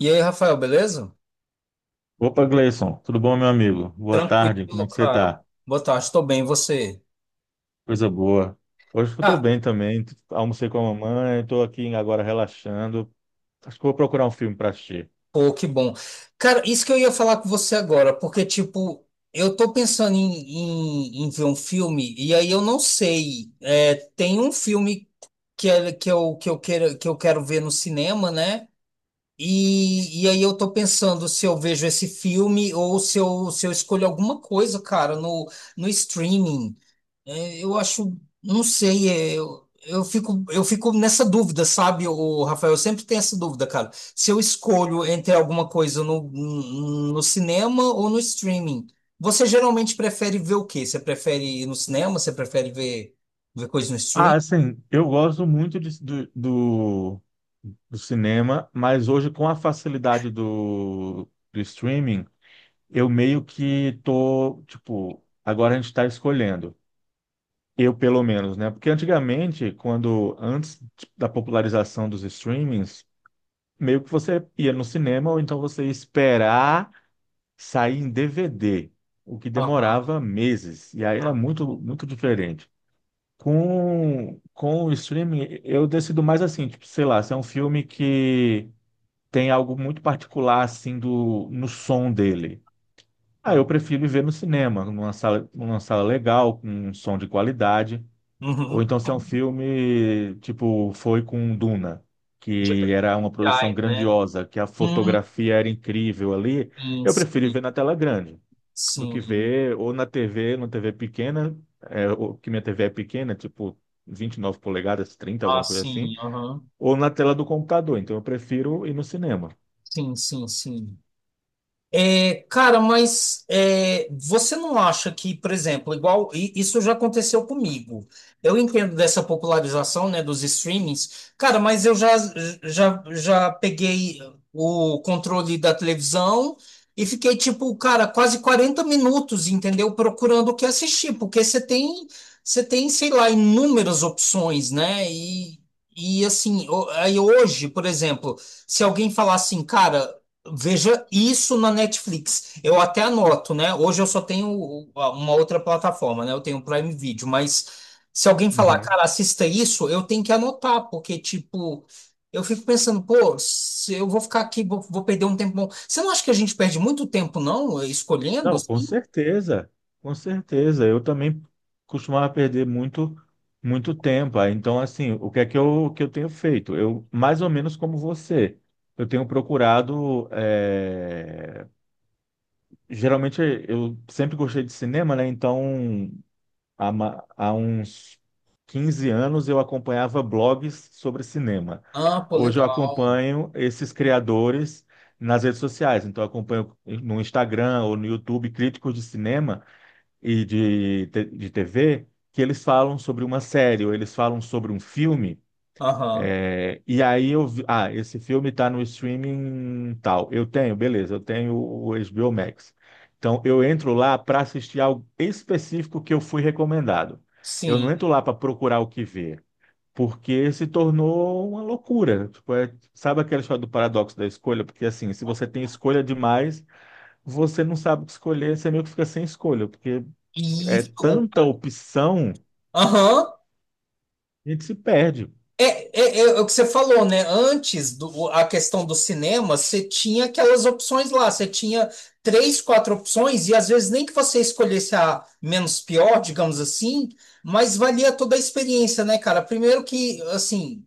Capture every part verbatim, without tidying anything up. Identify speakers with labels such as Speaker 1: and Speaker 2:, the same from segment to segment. Speaker 1: E aí, Rafael, beleza?
Speaker 2: Opa, Gleison, tudo bom, meu amigo? Boa tarde, como é
Speaker 1: Tranquilo,
Speaker 2: que você
Speaker 1: cara.
Speaker 2: tá?
Speaker 1: Boa tarde, estou bem, e você?
Speaker 2: Coisa boa. Hoje eu tô
Speaker 1: Ah,
Speaker 2: bem também, almocei com a mamãe, tô aqui agora relaxando. Acho que vou procurar um filme para assistir.
Speaker 1: pô, que bom. Cara, isso que eu ia falar com você agora, porque, tipo, eu tô pensando em, em, em ver um filme, e aí eu não sei. É, tem um filme que, é, que, eu, que, eu quero, que eu quero ver no cinema, né? E, e aí eu tô pensando se eu vejo esse filme ou se eu, se eu escolho alguma coisa, cara, no, no streaming. É, eu acho, não sei, é, eu, eu fico, eu fico nessa dúvida, sabe, o Rafael? Eu sempre tenho essa dúvida, cara. Se eu escolho entre alguma coisa no, no cinema ou no streaming, você geralmente prefere ver o quê? Você prefere ir no cinema? Você prefere ver, ver coisa no
Speaker 2: Ah,
Speaker 1: streaming?
Speaker 2: assim, eu gosto muito de- do, do, do cinema, mas hoje com a facilidade do, do streaming, eu meio que tô, tipo, agora a gente está escolhendo. Eu, pelo menos, né? Porque antigamente, quando antes da popularização dos streamings, meio que você ia no cinema ou então você ia esperar sair em D V D, o que
Speaker 1: Aham,
Speaker 2: demorava meses. E aí era muito, muito diferente. Com, com o streaming, eu decido mais assim, tipo, sei lá, se é um filme que tem algo muito particular assim do, no som dele. Ah,
Speaker 1: aham.
Speaker 2: eu prefiro ir ver no cinema, numa sala, numa sala legal, com um som de qualidade. Ou
Speaker 1: Uhum.
Speaker 2: então se é um filme, tipo, foi com Duna,
Speaker 1: De
Speaker 2: que era uma produção
Speaker 1: prioridade, né?
Speaker 2: grandiosa, que a
Speaker 1: Hum,
Speaker 2: fotografia era incrível ali,
Speaker 1: sim,
Speaker 2: eu prefiro ver na tela grande do que
Speaker 1: sim.
Speaker 2: ver ou na T V, numa T V pequena, é, ou que minha T V é pequena, tipo vinte e nove polegadas, trinta,
Speaker 1: Ah,
Speaker 2: alguma coisa assim,
Speaker 1: sim, aham.
Speaker 2: ou na tela do computador. Então eu prefiro ir no cinema.
Speaker 1: Sim, sim, sim. É, cara, mas é, você não acha que, por exemplo, igual e isso já aconteceu comigo. Eu entendo dessa popularização, né, dos streamings, cara, mas eu já, já, já peguei o controle da televisão e fiquei, tipo, cara, quase quarenta minutos, entendeu? Procurando o que assistir, porque você tem, você tem, sei lá, inúmeras opções, né? E, e assim, o- aí hoje, por exemplo, se alguém falar assim, cara. Veja isso na Netflix. Eu até anoto, né? Hoje eu só tenho uma outra plataforma, né? Eu tenho o Prime Video, mas se alguém falar,
Speaker 2: Uhum.
Speaker 1: cara, assista isso, eu tenho que anotar, porque, tipo, eu fico pensando, pô, se eu vou ficar aqui, vou, vou perder um tempo bom. Você não acha que a gente perde muito tempo, não, escolhendo
Speaker 2: Não, com
Speaker 1: assim?
Speaker 2: certeza, com certeza. Eu também costumava perder muito, muito tempo. Aí, então, assim, o que é que eu, que eu tenho feito? Eu, mais ou menos como você, eu tenho procurado. eh, Geralmente, eu sempre gostei de cinema, né? Então, há, ma- há uns quinze anos eu acompanhava blogs sobre cinema.
Speaker 1: Ah, pô,
Speaker 2: Hoje eu
Speaker 1: legal.
Speaker 2: acompanho esses criadores nas redes sociais. Então, eu acompanho no Instagram ou no YouTube críticos de cinema e de, te- de T V que eles falam sobre uma série ou eles falam sobre um filme.
Speaker 1: Aham,
Speaker 2: É, e aí eu vi, ah, esse filme está no streaming tal. Eu tenho, beleza, eu tenho o H B O Max. Então eu entro lá para assistir algo específico que eu fui recomendado. Eu
Speaker 1: sim.
Speaker 2: não entro lá para procurar o que ver, porque se tornou uma loucura. Tipo, é- sabe aquela história do paradoxo da escolha? Porque assim, se você tem escolha demais, você não sabe o que escolher, você meio que fica sem escolha, porque
Speaker 1: E
Speaker 2: é
Speaker 1: o.
Speaker 2: tanta opção,
Speaker 1: Aham.
Speaker 2: a gente se perde.
Speaker 1: É, é- é o que você falou, né? Antes do, o- a questão do cinema, você tinha aquelas opções lá, você tinha três, quatro opções, e às vezes nem que você escolhesse a menos pior, digamos assim, mas valia toda a experiência, né, cara? Primeiro que, assim,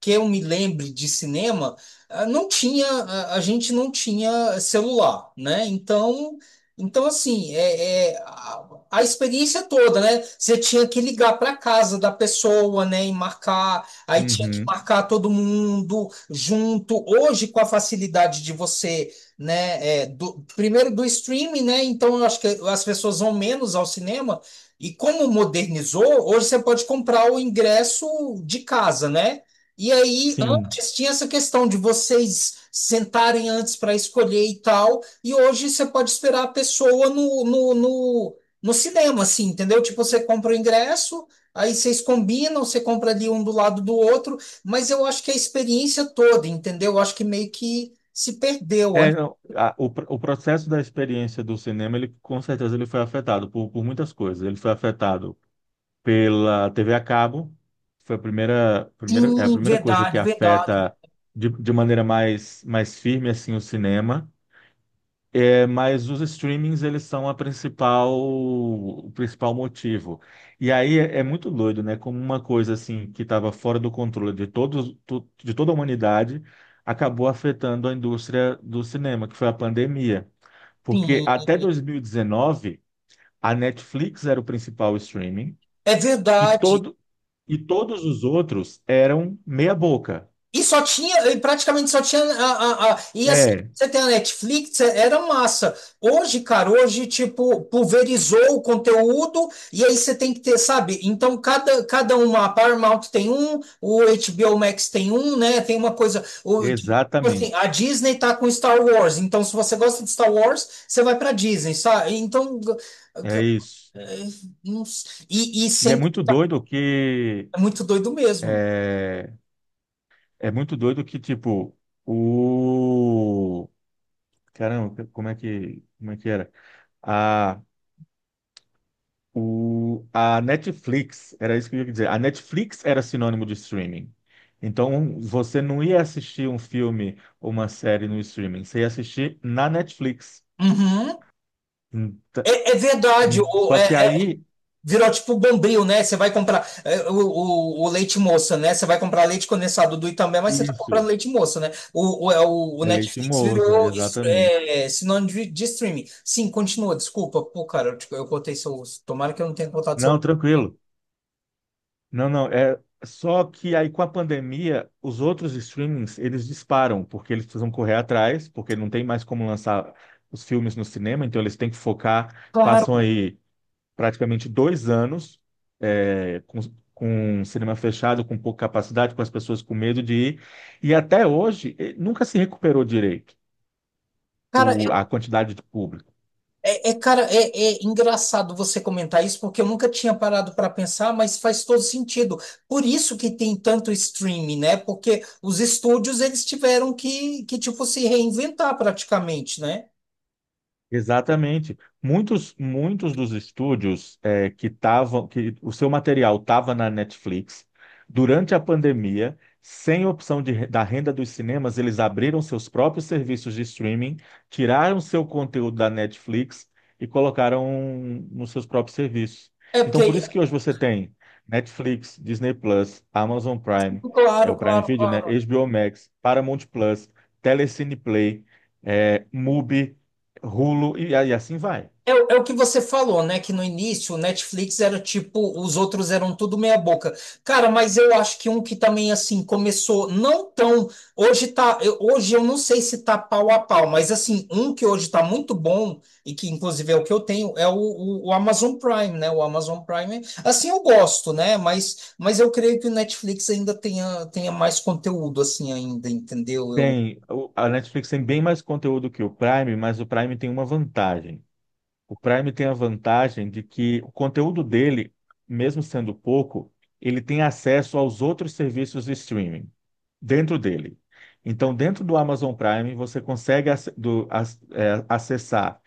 Speaker 1: que eu me lembre de cinema, ah, não tinha, a a gente não tinha celular, né? Então, então assim, é, é, a, a experiência toda, né? Você tinha que ligar para casa da pessoa, né? E marcar, aí tinha que
Speaker 2: Uhum.
Speaker 1: marcar todo mundo junto. Hoje, com a facilidade de você, né? É, do- primeiro do streaming, né? Então, eu acho que as pessoas vão menos ao cinema. E como modernizou, hoje você pode comprar o ingresso de casa, né? E aí,
Speaker 2: Sim.
Speaker 1: antes tinha essa questão de vocês sentarem antes para escolher e tal, e hoje você pode esperar a pessoa no, no, no, no cinema, assim, entendeu? Tipo, você compra o ingresso, aí vocês combinam, você compra ali um do lado do outro, mas eu acho que a experiência toda, entendeu? Eu acho que meio que se perdeu.
Speaker 2: É, não, a- o, pr- o processo da experiência do cinema, ele com certeza ele foi afetado por, por muitas coisas. Ele foi afetado pela T V a cabo, foi a primeira, primeira, é a
Speaker 1: Sim,
Speaker 2: primeira coisa que
Speaker 1: verdade, verdade,
Speaker 2: afeta de, de maneira mais, mais firme assim o cinema. É, mas os streamings, eles são a principal, o principal motivo. E aí é, é muito doido, né? Como uma coisa assim que estava fora do controle de todos, to- de toda a humanidade, acabou afetando a indústria do cinema, que foi a pandemia. Porque
Speaker 1: sim,
Speaker 2: até dois mil e dezenove, a Netflix era o principal streaming
Speaker 1: é
Speaker 2: e
Speaker 1: verdade.
Speaker 2: todo e todos os outros eram meia boca.
Speaker 1: E só tinha, e praticamente só tinha. A, a, a- e assim,
Speaker 2: É,
Speaker 1: você tem a Netflix, é- era massa. Hoje, cara, hoje, tipo, pulverizou o conteúdo, e aí você tem que ter, sabe? Então, cada, cada uma, a Paramount tem um, o H B O Max tem um, né? Tem uma coisa. O, tipo assim, a
Speaker 2: exatamente.
Speaker 1: Disney tá com Star Wars, então se você gosta de Star Wars, você vai pra Disney, sabe? Então,
Speaker 2: É isso.
Speaker 1: é, não sei. E, e
Speaker 2: E é
Speaker 1: sem.
Speaker 2: muito doido que
Speaker 1: É muito doido mesmo.
Speaker 2: é, é muito doido que, tipo, o. Caramba, como é que, como é que era? A, o, a Netflix, era isso que eu ia dizer. A Netflix era sinônimo de streaming. Então, você não ia assistir um filme ou uma série no streaming, você ia assistir na Netflix.
Speaker 1: Uhum.
Speaker 2: Ent-
Speaker 1: É, é verdade,
Speaker 2: em-
Speaker 1: o-
Speaker 2: Só
Speaker 1: é,
Speaker 2: que
Speaker 1: é,
Speaker 2: aí,
Speaker 1: virou tipo bombril, né? Você vai comprar é, o, o, o leite moça, né? Você vai comprar leite condensado do Itambé, mas você tá comprando
Speaker 2: isso,
Speaker 1: leite moça, né? O, o, é, o- o
Speaker 2: é leite
Speaker 1: Netflix
Speaker 2: moça,
Speaker 1: virou es-
Speaker 2: exatamente.
Speaker 1: é, sinônimo de, de streaming. Sim, continua, desculpa. Pô, cara, eu, tipo, eu cortei seu. Tomara que eu não tenha cortado
Speaker 2: Não,
Speaker 1: seu.
Speaker 2: tranquilo. Não, não, é só que aí com a pandemia, os outros streamings, eles disparam, porque eles precisam correr atrás, porque não tem mais como lançar os filmes no cinema, então eles têm que focar, passam
Speaker 1: Claro!
Speaker 2: aí praticamente dois anos é, com, com o cinema fechado, com pouca capacidade, com as pessoas com medo de ir, e até hoje eh, nunca se recuperou direito
Speaker 1: Cara,
Speaker 2: o- a quantidade de público.
Speaker 1: É, é, cara, é, é engraçado você comentar isso, porque eu nunca tinha parado para pensar, mas faz todo sentido. Por isso que tem tanto streaming, né? Porque os estúdios, eles tiveram que, que tipo, se reinventar praticamente, né?
Speaker 2: Exatamente. Muitos, muitos dos estúdios é, que estavam, que o seu material estava na Netflix, durante a pandemia, sem opção de, re- da renda dos cinemas, eles abriram seus próprios serviços de streaming, tiraram seu conteúdo da Netflix e colocaram nos seus próprios serviços.
Speaker 1: É
Speaker 2: Então, por
Speaker 1: porque,
Speaker 2: isso que hoje você tem Netflix, Disney Plus, Amazon Prime, é
Speaker 1: claro,
Speaker 2: o Prime
Speaker 1: claro,
Speaker 2: Video, né?
Speaker 1: claro.
Speaker 2: H B O Max, Paramount Plus, Telecine Play, é, Mubi. Hulu e, e assim vai.
Speaker 1: É, o é o que você falou, né? Que no início o Netflix era tipo, os outros eram tudo meia boca. Cara, mas eu acho que um que também assim começou não tão. Hoje tá. eu- hoje eu não sei se tá pau a pau, mas assim, um que hoje tá muito bom, e que inclusive é o que eu tenho, é o, o, o Amazon Prime, né? O Amazon Prime. Assim eu gosto, né? Mas, mas eu creio que o Netflix ainda tenha, tenha mais conteúdo, assim, ainda, entendeu? Eu.
Speaker 2: Tem, o- a Netflix tem bem mais conteúdo que o Prime, mas o Prime tem uma vantagem. O Prime tem a vantagem de que o conteúdo dele, mesmo sendo pouco, ele tem acesso aos outros serviços de streaming dentro dele. Então, dentro do Amazon Prime, você consegue ac- do- ac- é, acessar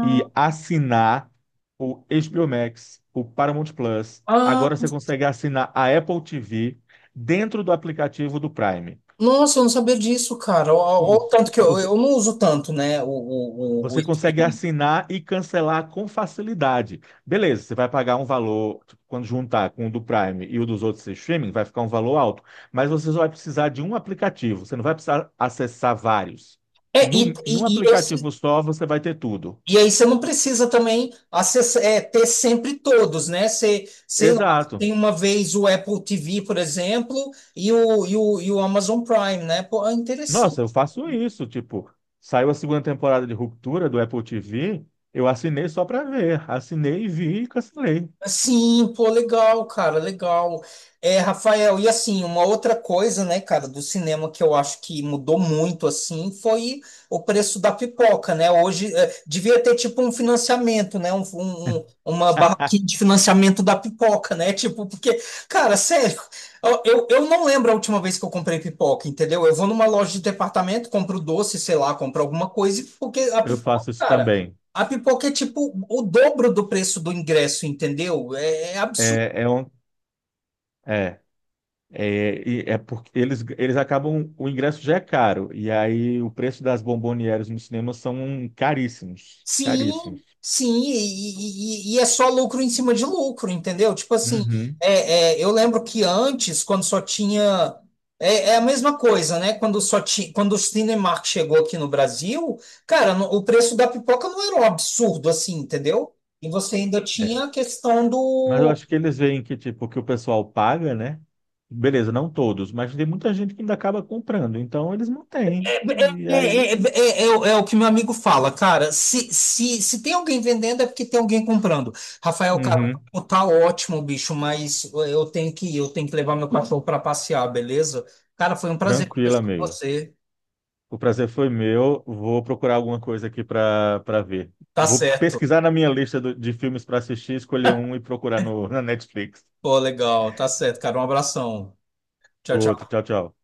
Speaker 2: e assinar o H B O Max, o Paramount Plus.
Speaker 1: Ah,
Speaker 2: Agora você consegue assinar a Apple T V dentro do aplicativo do Prime.
Speaker 1: nossa, eu não sabia disso, cara. O, o- o
Speaker 2: Isso.
Speaker 1: tanto que eu,
Speaker 2: Você,
Speaker 1: eu não uso tanto, né? O, o, o- o-
Speaker 2: você consegue assinar e cancelar com facilidade. Beleza, você vai pagar um valor, tipo, quando juntar com o do Prime e o dos outros streaming, vai ficar um valor alto. Mas você só vai precisar de um aplicativo, você não vai precisar acessar vários.
Speaker 1: É,
Speaker 2: No,
Speaker 1: e,
Speaker 2: em um
Speaker 1: e, e, esse-
Speaker 2: aplicativo só, você vai ter tudo.
Speaker 1: e aí você não precisa também acessar, é, ter sempre todos, né? Você, sei lá,
Speaker 2: Exato.
Speaker 1: tem uma vez o Apple T V, por exemplo, e o, e o, e o Amazon Prime, né? Pô, é
Speaker 2: Nossa, eu
Speaker 1: interessante.
Speaker 2: faço isso. Tipo, saiu a segunda temporada de Ruptura do Apple T V, eu assinei só para ver. Assinei, vi e cancelei.
Speaker 1: Sim, pô, legal, cara, legal. É, Rafael, e assim, uma outra coisa, né, cara, do cinema que eu acho que mudou muito, assim, foi o preço da pipoca, né? Hoje, é, devia ter, tipo, um financiamento, né? Um, um- um, uma barraquinha de financiamento da pipoca, né? Tipo, porque, cara, sério, eu, eu eu não lembro a última vez que eu comprei pipoca, entendeu? Eu vou numa loja de departamento, compro doce, sei lá, compro alguma coisa, porque a
Speaker 2: Eu
Speaker 1: pipoca,
Speaker 2: faço isso
Speaker 1: cara.
Speaker 2: também.
Speaker 1: A pipoca é tipo o dobro do preço do ingresso, entendeu? É, é absurdo.
Speaker 2: É, é um. é. É, e é porque eles, eles acabam, o ingresso já é caro, e aí o preço das bombonieres nos cinemas são caríssimos,
Speaker 1: Sim,
Speaker 2: caríssimos.
Speaker 1: sim, e, e- e é só lucro em cima de lucro, entendeu? Tipo assim,
Speaker 2: Uhum.
Speaker 1: é, é, eu lembro que antes, quando só tinha. É, é a mesma coisa, né? Quando só tinha, quando o Cinemark chegou aqui no Brasil, cara, no- o preço da pipoca não era um absurdo assim, entendeu? E você ainda
Speaker 2: É.
Speaker 1: tinha a questão
Speaker 2: Mas eu
Speaker 1: do.
Speaker 2: acho que eles veem que, tipo, que o pessoal paga, né? Beleza, não todos, mas tem muita gente que ainda acaba comprando, então eles mantêm. E
Speaker 1: É,
Speaker 2: aí,
Speaker 1: é, é, é é é o é o que meu amigo fala, cara. Se, se, se tem alguém vendendo, é porque tem alguém comprando. Rafael, cara,
Speaker 2: uhum.
Speaker 1: pô, tá ótimo, bicho, mas eu tenho que ir, eu tenho que levar meu cachorro pra passear, beleza? Cara, foi um prazer
Speaker 2: Tranquilo,
Speaker 1: conversar com
Speaker 2: amigo.
Speaker 1: você.
Speaker 2: O prazer foi meu. Vou procurar alguma coisa aqui para para ver.
Speaker 1: Tá
Speaker 2: Vou
Speaker 1: certo.
Speaker 2: pesquisar na minha lista do- de filmes para assistir, escolher um e procurar no, na Netflix.
Speaker 1: Pô, legal, tá certo, cara. Um abração. Tchau,
Speaker 2: Outro.
Speaker 1: tchau.
Speaker 2: Tchau, tchau.